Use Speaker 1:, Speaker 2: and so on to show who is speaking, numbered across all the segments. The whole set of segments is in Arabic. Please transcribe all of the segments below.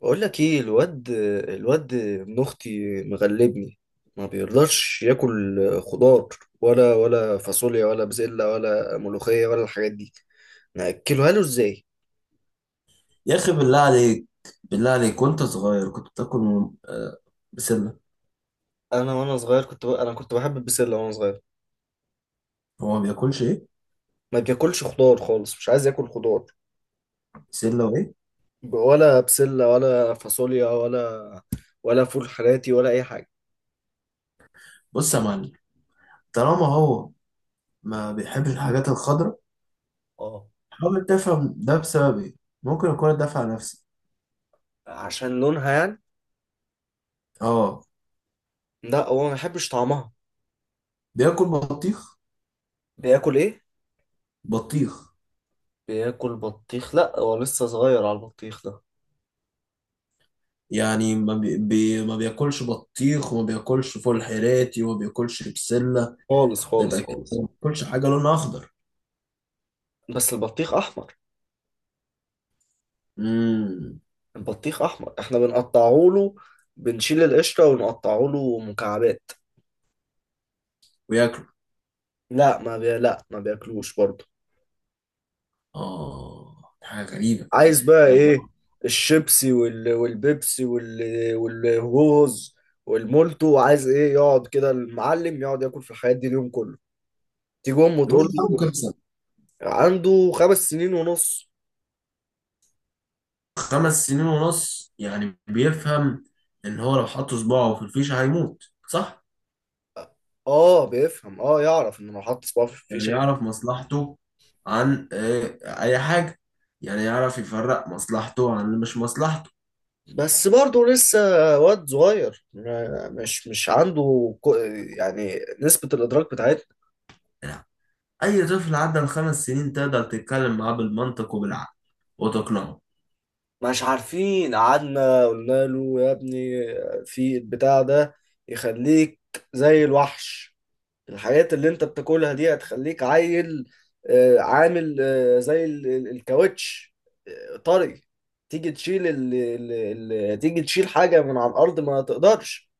Speaker 1: بقول لك ايه الواد، الواد ابن اختي مغلبني، ما بيرضاش ياكل خضار، ولا فاصوليا ولا بسله ولا ملوخيه ولا الحاجات دي، ناكلها له ازاي؟
Speaker 2: يا اخي بالله عليك. بالله عليك، وانت صغير كنت بتاكل بسله.
Speaker 1: انا وانا صغير انا كنت بحب البسله وانا صغير.
Speaker 2: هو ما بياكلش ايه؟
Speaker 1: ما بياكلش خضار خالص، مش عايز ياكل خضار.
Speaker 2: بسله وايه؟
Speaker 1: ولا بسله ولا فاصوليا ولا فول حراتي ولا اي حاجه.
Speaker 2: بص يا معلم، طالما هو ما بيحبش الحاجات الخضراء،
Speaker 1: اه،
Speaker 2: حاول تفهم ده بسبب ايه. ممكن اكون الدافع نفسي.
Speaker 1: عشان لونها يعني.
Speaker 2: اه،
Speaker 1: لا هو ما بيحبش طعمها.
Speaker 2: بياكل بطيخ.
Speaker 1: بياكل ايه؟
Speaker 2: بطيخ.
Speaker 1: بياكل بطيخ، لا هو لسه صغير على البطيخ ده.
Speaker 2: يعني ما, بي... بي... ما بياكلش بطيخ وما بياكلش فول حراتي وما بياكلش بسله؟
Speaker 1: خالص
Speaker 2: ده
Speaker 1: خالص
Speaker 2: يبقى كده
Speaker 1: خالص.
Speaker 2: ما بياكلش حاجه لونها اخضر.
Speaker 1: بس البطيخ احمر.
Speaker 2: امم
Speaker 1: البطيخ احمر، احنا بنقطعه له، بنشيل القشره ونقطعه له مكعبات.
Speaker 2: وياكل؟
Speaker 1: لا ما بياكلوش برضه.
Speaker 2: اه، حاجه غريبه.
Speaker 1: عايز بقى
Speaker 2: يعني
Speaker 1: ايه؟ الشيبسي والبيبسي والهوز والمولتو. عايز ايه يقعد كده المعلم يقعد ياكل في الحاجات دي اليوم كله، تيجي امه
Speaker 2: الواحد
Speaker 1: تقول
Speaker 2: عنده
Speaker 1: له.
Speaker 2: كام سنة؟
Speaker 1: عنده 5 سنين ونص.
Speaker 2: 5 سنين ونص، يعني بيفهم ان هو لو حط صباعه في الفيشة هيموت، صح؟
Speaker 1: اه بيفهم، اه يعرف ان لو حط صباعه في...
Speaker 2: يعني يعرف مصلحته عن اي حاجة. يعني يعرف يفرق مصلحته عن اللي مش مصلحته.
Speaker 1: بس برضه لسه واد صغير، مش عنده يعني نسبة الإدراك بتاعتنا.
Speaker 2: يعني اي طفل عدى ال5 سنين تقدر تتكلم معاه بالمنطق وبالعقل وتقنعه.
Speaker 1: مش عارفين، قعدنا قلنا له يا ابني في البتاع ده يخليك زي الوحش، الحاجات اللي انت بتاكلها دي هتخليك عيل، عامل زي الكاوتش، طري. تيجي تشيل ال... ال... ال... تيجي تشيل حاجة من على الأرض ما تقدرش،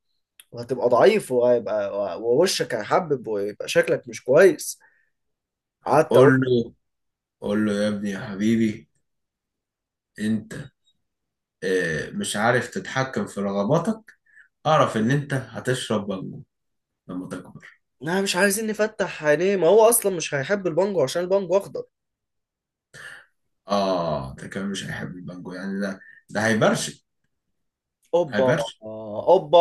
Speaker 1: وهتبقى ضعيف، وهيبقى ووشك هيحبب ويبقى شكلك مش كويس. قعدت
Speaker 2: قول
Speaker 1: اقول،
Speaker 2: له، قول له يا ابني يا حبيبي، انت مش عارف تتحكم في رغباتك. اعرف ان انت هتشرب بانجو لما تكبر.
Speaker 1: لا مش عايزين نفتح عينيه، ما هو اصلا مش هيحب البانجو عشان البانجو اخضر.
Speaker 2: اه، ده كمان مش هيحب المانجو، يعني ده ده هيبرشم.
Speaker 1: اوبا.
Speaker 2: هيبرشم.
Speaker 1: اوبا.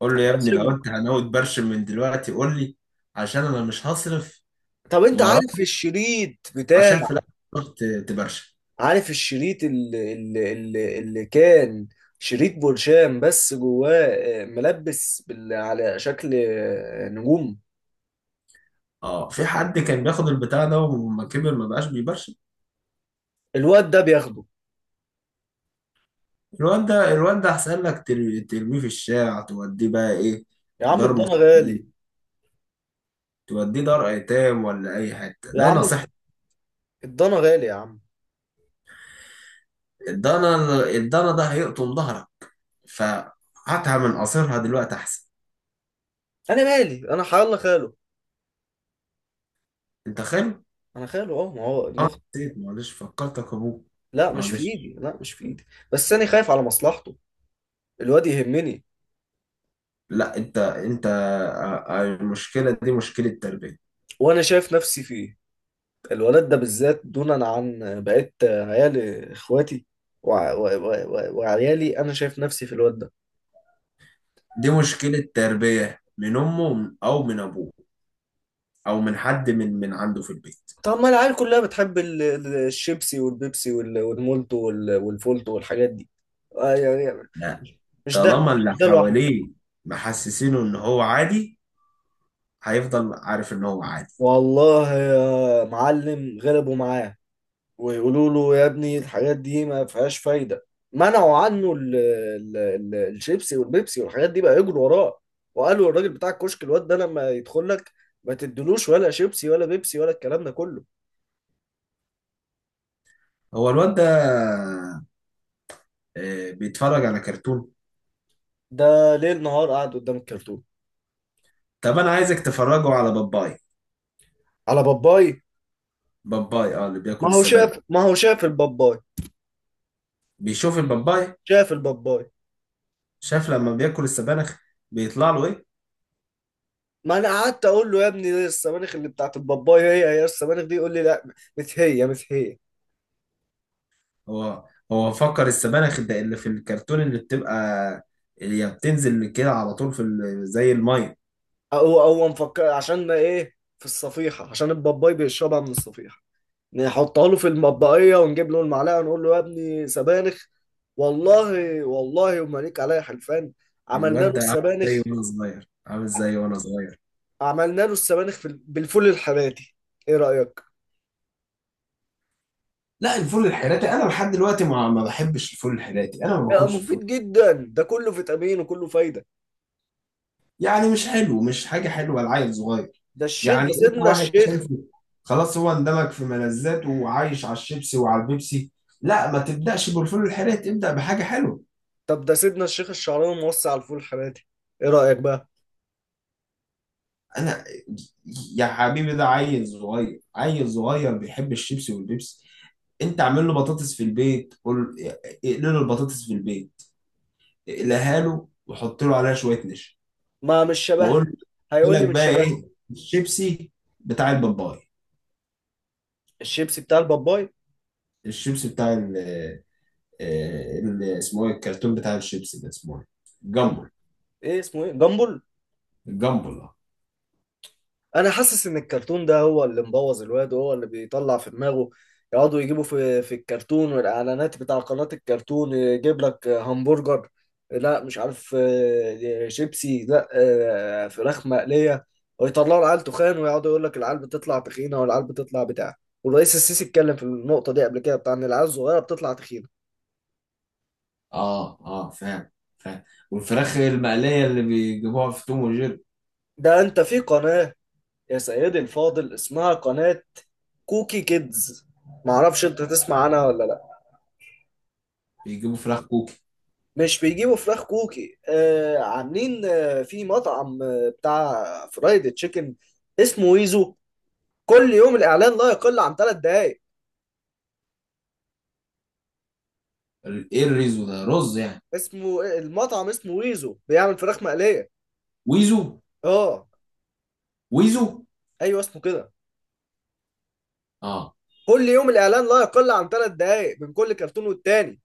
Speaker 2: قول له يا ابني، لو
Speaker 1: قاسم،
Speaker 2: انت هناوي تبرشم من دلوقتي قول لي، عشان انا مش هصرف
Speaker 1: طب انت
Speaker 2: وراك
Speaker 1: عارف الشريط
Speaker 2: عشان في الاخر تروح تبرشم.
Speaker 1: عارف الشريط اللي كان شريط برشام، بس جواه ملبس على شكل نجوم.
Speaker 2: اه، في حد كان بياخد البتاع ده وما كبر ما بقاش بيبرشم.
Speaker 1: الواد ده بياخده.
Speaker 2: الواد ده، الواد ده احسن لك ترميه في الشارع، توديه بقى ايه،
Speaker 1: يا عم
Speaker 2: دار
Speaker 1: الضنا غالي،
Speaker 2: مسنين، توديه دار ايتام ولا اي حته،
Speaker 1: يا
Speaker 2: ده
Speaker 1: عم
Speaker 2: نصيحتي.
Speaker 1: الضنا غالي يا عم.
Speaker 2: الضنا، الضنا ده هيقطم ظهرك، فهاتها من قصرها دلوقتي احسن.
Speaker 1: انا مالي، انا حيالله خاله.
Speaker 2: انت خايف.
Speaker 1: انا خاله، اه ما هو ابن
Speaker 2: اه.
Speaker 1: اختي.
Speaker 2: نسيت، معلش فكرتك ابوك.
Speaker 1: لا مش في
Speaker 2: معلش.
Speaker 1: ايدي، لا مش في ايدي. بس انا خايف على مصلحته، الواد يهمني،
Speaker 2: لا انت المشكله دي مشكله تربيه.
Speaker 1: وانا شايف نفسي فيه. الولد ده بالذات دونا عن بقية عيال اخواتي، وعيالي، انا شايف نفسي في الواد ده.
Speaker 2: دي مشكله تربيه من امه او من ابوه، او من حد من عنده في البيت.
Speaker 1: طب ما العيال كلها بتحب الشيبسي والبيبسي والمولتو والفولتو والحاجات دي، يعني.
Speaker 2: لا.
Speaker 1: مش ده،
Speaker 2: طالما اللي
Speaker 1: مش ده لوحده.
Speaker 2: حواليه محسسينه ان هو عادي، هيفضل عارف ان هو عادي.
Speaker 1: والله يا معلم غلبوا معاه، ويقولوا له يا ابني الحاجات دي ما فيهاش فايدة. منعوا عنه ال ال ال الشيبسي والبيبسي والحاجات دي، بقى يجروا وراه، وقالوا الراجل بتاع الكشك الواد ده لما يدخل لك ما تدلوش ولا شيبسي ولا بيبسي ولا الكلام ده كله.
Speaker 2: هو الواد ده بيتفرج على كرتون؟
Speaker 1: ده ليل نهار قاعد قدام الكرتون.
Speaker 2: طب انا عايزك تفرجه على باباي.
Speaker 1: على باباي.
Speaker 2: باباي، اه، اللي بياكل
Speaker 1: ما هو
Speaker 2: السبانخ.
Speaker 1: شاف ما هو شاف الباباي.
Speaker 2: بيشوف الباباي.
Speaker 1: شاف الباباي.
Speaker 2: شاف لما بياكل السبانخ بيطلع له ايه.
Speaker 1: ما انا قعدت اقول له يا ابني دي السبانخ اللي بتاعت الباباي، هي هي السبانخ دي، يقول لي لا، مش هي مش هي.
Speaker 2: هو هو فكر السبانخ ده اللي في الكرتون اللي بتبقى، اللي هي بتنزل كده على طول في زي الميه.
Speaker 1: او مفكر عشان ما ايه في الصفيحة، عشان الباباي بيشربها من الصفيحة. نحطها له في المطبقية، ونجيب له المعلقة، ونقول له يا ابني سبانخ. والله، والله وما ليك عليا حلفان، عملنا
Speaker 2: الواد
Speaker 1: له
Speaker 2: ده عامل زي
Speaker 1: السبانخ.
Speaker 2: وانا صغير، عامل زي وانا صغير.
Speaker 1: عملنا له السبانخ بالفول الحراتي، ايه رأيك؟
Speaker 2: لا، الفول الحيراتي انا لحد دلوقتي ما بحبش الفول الحيراتي، انا ما
Speaker 1: لا
Speaker 2: باكلش الفول.
Speaker 1: مفيد جدا، ده كله فيتامين وكله فايدة.
Speaker 2: يعني مش حلو، مش حاجه حلوه لعيل صغير.
Speaker 1: ده الشيخ،
Speaker 2: يعني
Speaker 1: ده
Speaker 2: انت
Speaker 1: سيدنا
Speaker 2: واحد
Speaker 1: الشيخ.
Speaker 2: شايفه خلاص، هو اندمج في ملذاته وعايش على الشيبسي وعلى البيبسي. لا، ما تبداش بالفول الحيراتي ابدا، بحاجه حلوه.
Speaker 1: طب ده سيدنا الشيخ الشعراني موسع على الفول الحراتي، ايه رأيك بقى؟
Speaker 2: انا، يا حبيبي، ده عيل صغير، عيل صغير بيحب الشيبسي والبيبسي. انت اعمل له بطاطس في البيت، قول، اقلي له البطاطس في البيت، اقلها له وحط له عليها شويه نشا.
Speaker 1: ما مش شبه.
Speaker 2: وقول له يجي
Speaker 1: هيقول لي
Speaker 2: لك
Speaker 1: مش
Speaker 2: بقى
Speaker 1: شبه.
Speaker 2: ايه الشيبسي بتاع الباباي.
Speaker 1: الشيبسي بتاع الباباي.
Speaker 2: الشيبسي بتاع اسمه ايه الكرتون بتاع الشيبسي ده، اسمه ايه؟
Speaker 1: كان
Speaker 2: الجامبل.
Speaker 1: ايه اسمه ايه؟ جامبل.
Speaker 2: الجامبل، اه.
Speaker 1: انا حاسس ان الكرتون ده هو اللي مبوظ الواد، وهو اللي بيطلع في دماغه. يقعدوا يجيبوا في الكرتون والاعلانات بتاع قناة الكرتون يجيب لك همبرجر. لا مش عارف، شيبسي، لا فراخ مقلية. ويطلعوا العيال تخان، ويقعدوا يقول لك العيال بتطلع تخينة، والعيال بتطلع بتاع، والرئيس السيسي اتكلم في النقطة دي قبل كده بتاع ان العيال الصغيرة بتطلع تخينة.
Speaker 2: اه، اه فاهم، فاهم. والفراخ المقليه اللي بيجيبوها في توم وجيري.
Speaker 1: ده انت في قناة، يا سيدي الفاضل، اسمها قناة كوكي كيدز، معرفش انت تسمع عنها ولا لا.
Speaker 2: بيجيبوا فراخ كوكي؟
Speaker 1: مش بيجيبوا فراخ كوكي، عاملين في مطعم بتاع فرايد تشيكن، اسمه ويزو. كل يوم الإعلان لا يقل عن 3 دقايق.
Speaker 2: ايه الريزو ده، رز يعني؟
Speaker 1: اسمه المطعم، اسمه ويزو، بيعمل فراخ مقلية.
Speaker 2: ويزو.
Speaker 1: اه.
Speaker 2: ويزو.
Speaker 1: ايوه اسمه كده.
Speaker 2: اه.
Speaker 1: كل يوم الإعلان لا يقل عن ثلاث دقايق من كل كرتون والتاني.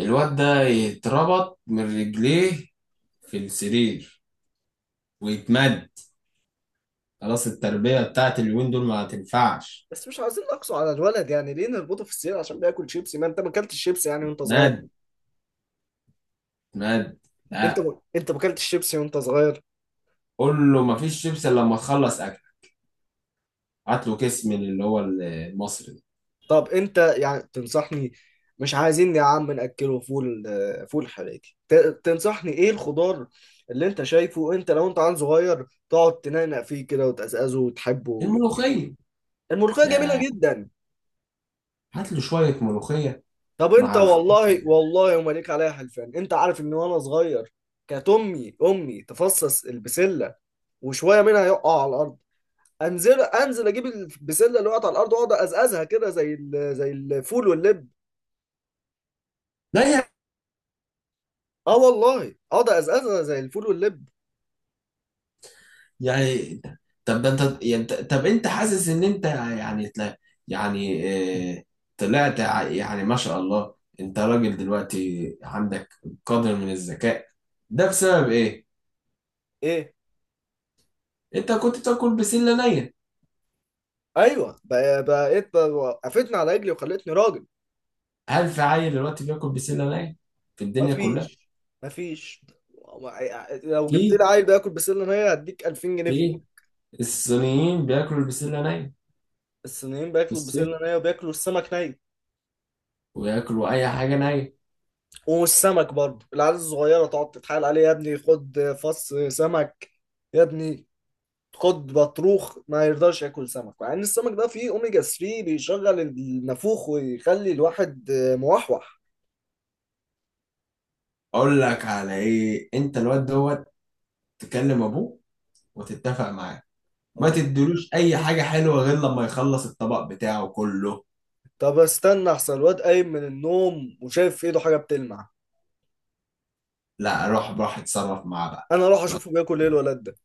Speaker 2: الواد ده يتربط من رجليه في السرير ويتمد. خلاص، التربية بتاعت اليومين دول ما هتنفعش.
Speaker 1: بس مش عايزين نقصوا على الولد، يعني ليه نربطه في السير عشان بياكل شيبسي، ما انت ما اكلتش شيبسي يعني وانت صغير.
Speaker 2: مد. مد.
Speaker 1: انت
Speaker 2: لا.
Speaker 1: ما انت ما اكلتش شيبسي وانت صغير.
Speaker 2: قول له مفيش شيبس إلا لما تخلص اكل. هات له كيس من اللي هو المصري ده.
Speaker 1: طب انت يعني تنصحني، مش عايزين يا عم ناكله فول حراتي، تنصحني ايه الخضار اللي انت شايفه، انت لو انت عيل صغير تقعد تنقنق فيه كده وتقزقزه وتحبه.
Speaker 2: الملوخية.
Speaker 1: الملوخيه جميله
Speaker 2: يا،
Speaker 1: جدا.
Speaker 2: هات له شوية ملوخية
Speaker 1: طب انت
Speaker 2: مع الفلفل.
Speaker 1: والله والله وما ليك عليها حلفان، انت عارف ان وانا صغير كانت امي تفصص البسله، وشويه منها يقع على الارض، انزل انزل اجيب البسله اللي وقعت على الارض، واقعد ازقزها كده زي الفول واللب.
Speaker 2: لا يا.
Speaker 1: اه والله، اقعد ازقزها زي الفول واللب.
Speaker 2: يعني. طب ده انت يعني طب انت حاسس ان انت يعني يعني اه، طلعت يعني ما شاء الله، انت راجل دلوقتي، عندك قدر من الذكاء. ده بسبب ايه؟
Speaker 1: ايه.
Speaker 2: انت كنت بتاكل بسلة نية؟
Speaker 1: ايوه بقيت وقفتني على رجلي وخلتني راجل.
Speaker 2: هل في عيل دلوقتي بياكل بسلة نية في الدنيا كلها؟
Speaker 1: مفيش. مفيش. لو جبت لي
Speaker 2: في.
Speaker 1: عيل بياكل بسله نيه هديك 2000 جنيه فيه.
Speaker 2: في. الصينيين بياكلوا البسلة نية.
Speaker 1: الصينيين
Speaker 2: في
Speaker 1: بياكلوا بسله
Speaker 2: الصين
Speaker 1: نيه، وبياكلوا السمك ني.
Speaker 2: وياكلوا اي حاجة نية.
Speaker 1: والسمك برضه العيال الصغيره تقعد تتحايل عليه، يا ابني خد فص سمك، يا ابني خد بطروخ، ما يرضاش ياكل سمك، مع ان السمك ده فيه اوميجا 3 بيشغل النافوخ ويخلي الواحد موحوح.
Speaker 2: اقول لك على ايه، انت الواد دوت، تكلم ابوه وتتفق معاه، ما
Speaker 1: اه،
Speaker 2: تدلوش اي حاجه حلوه غير لما يخلص الطبق بتاعه كله.
Speaker 1: طب استنى احسن، الواد قايم من النوم وشايف في ايده حاجه بتلمع.
Speaker 2: لا، روح، روح اتصرف معاه بقى.
Speaker 1: انا اروح
Speaker 2: روح.
Speaker 1: اشوفه بياكل ايه الولد ده.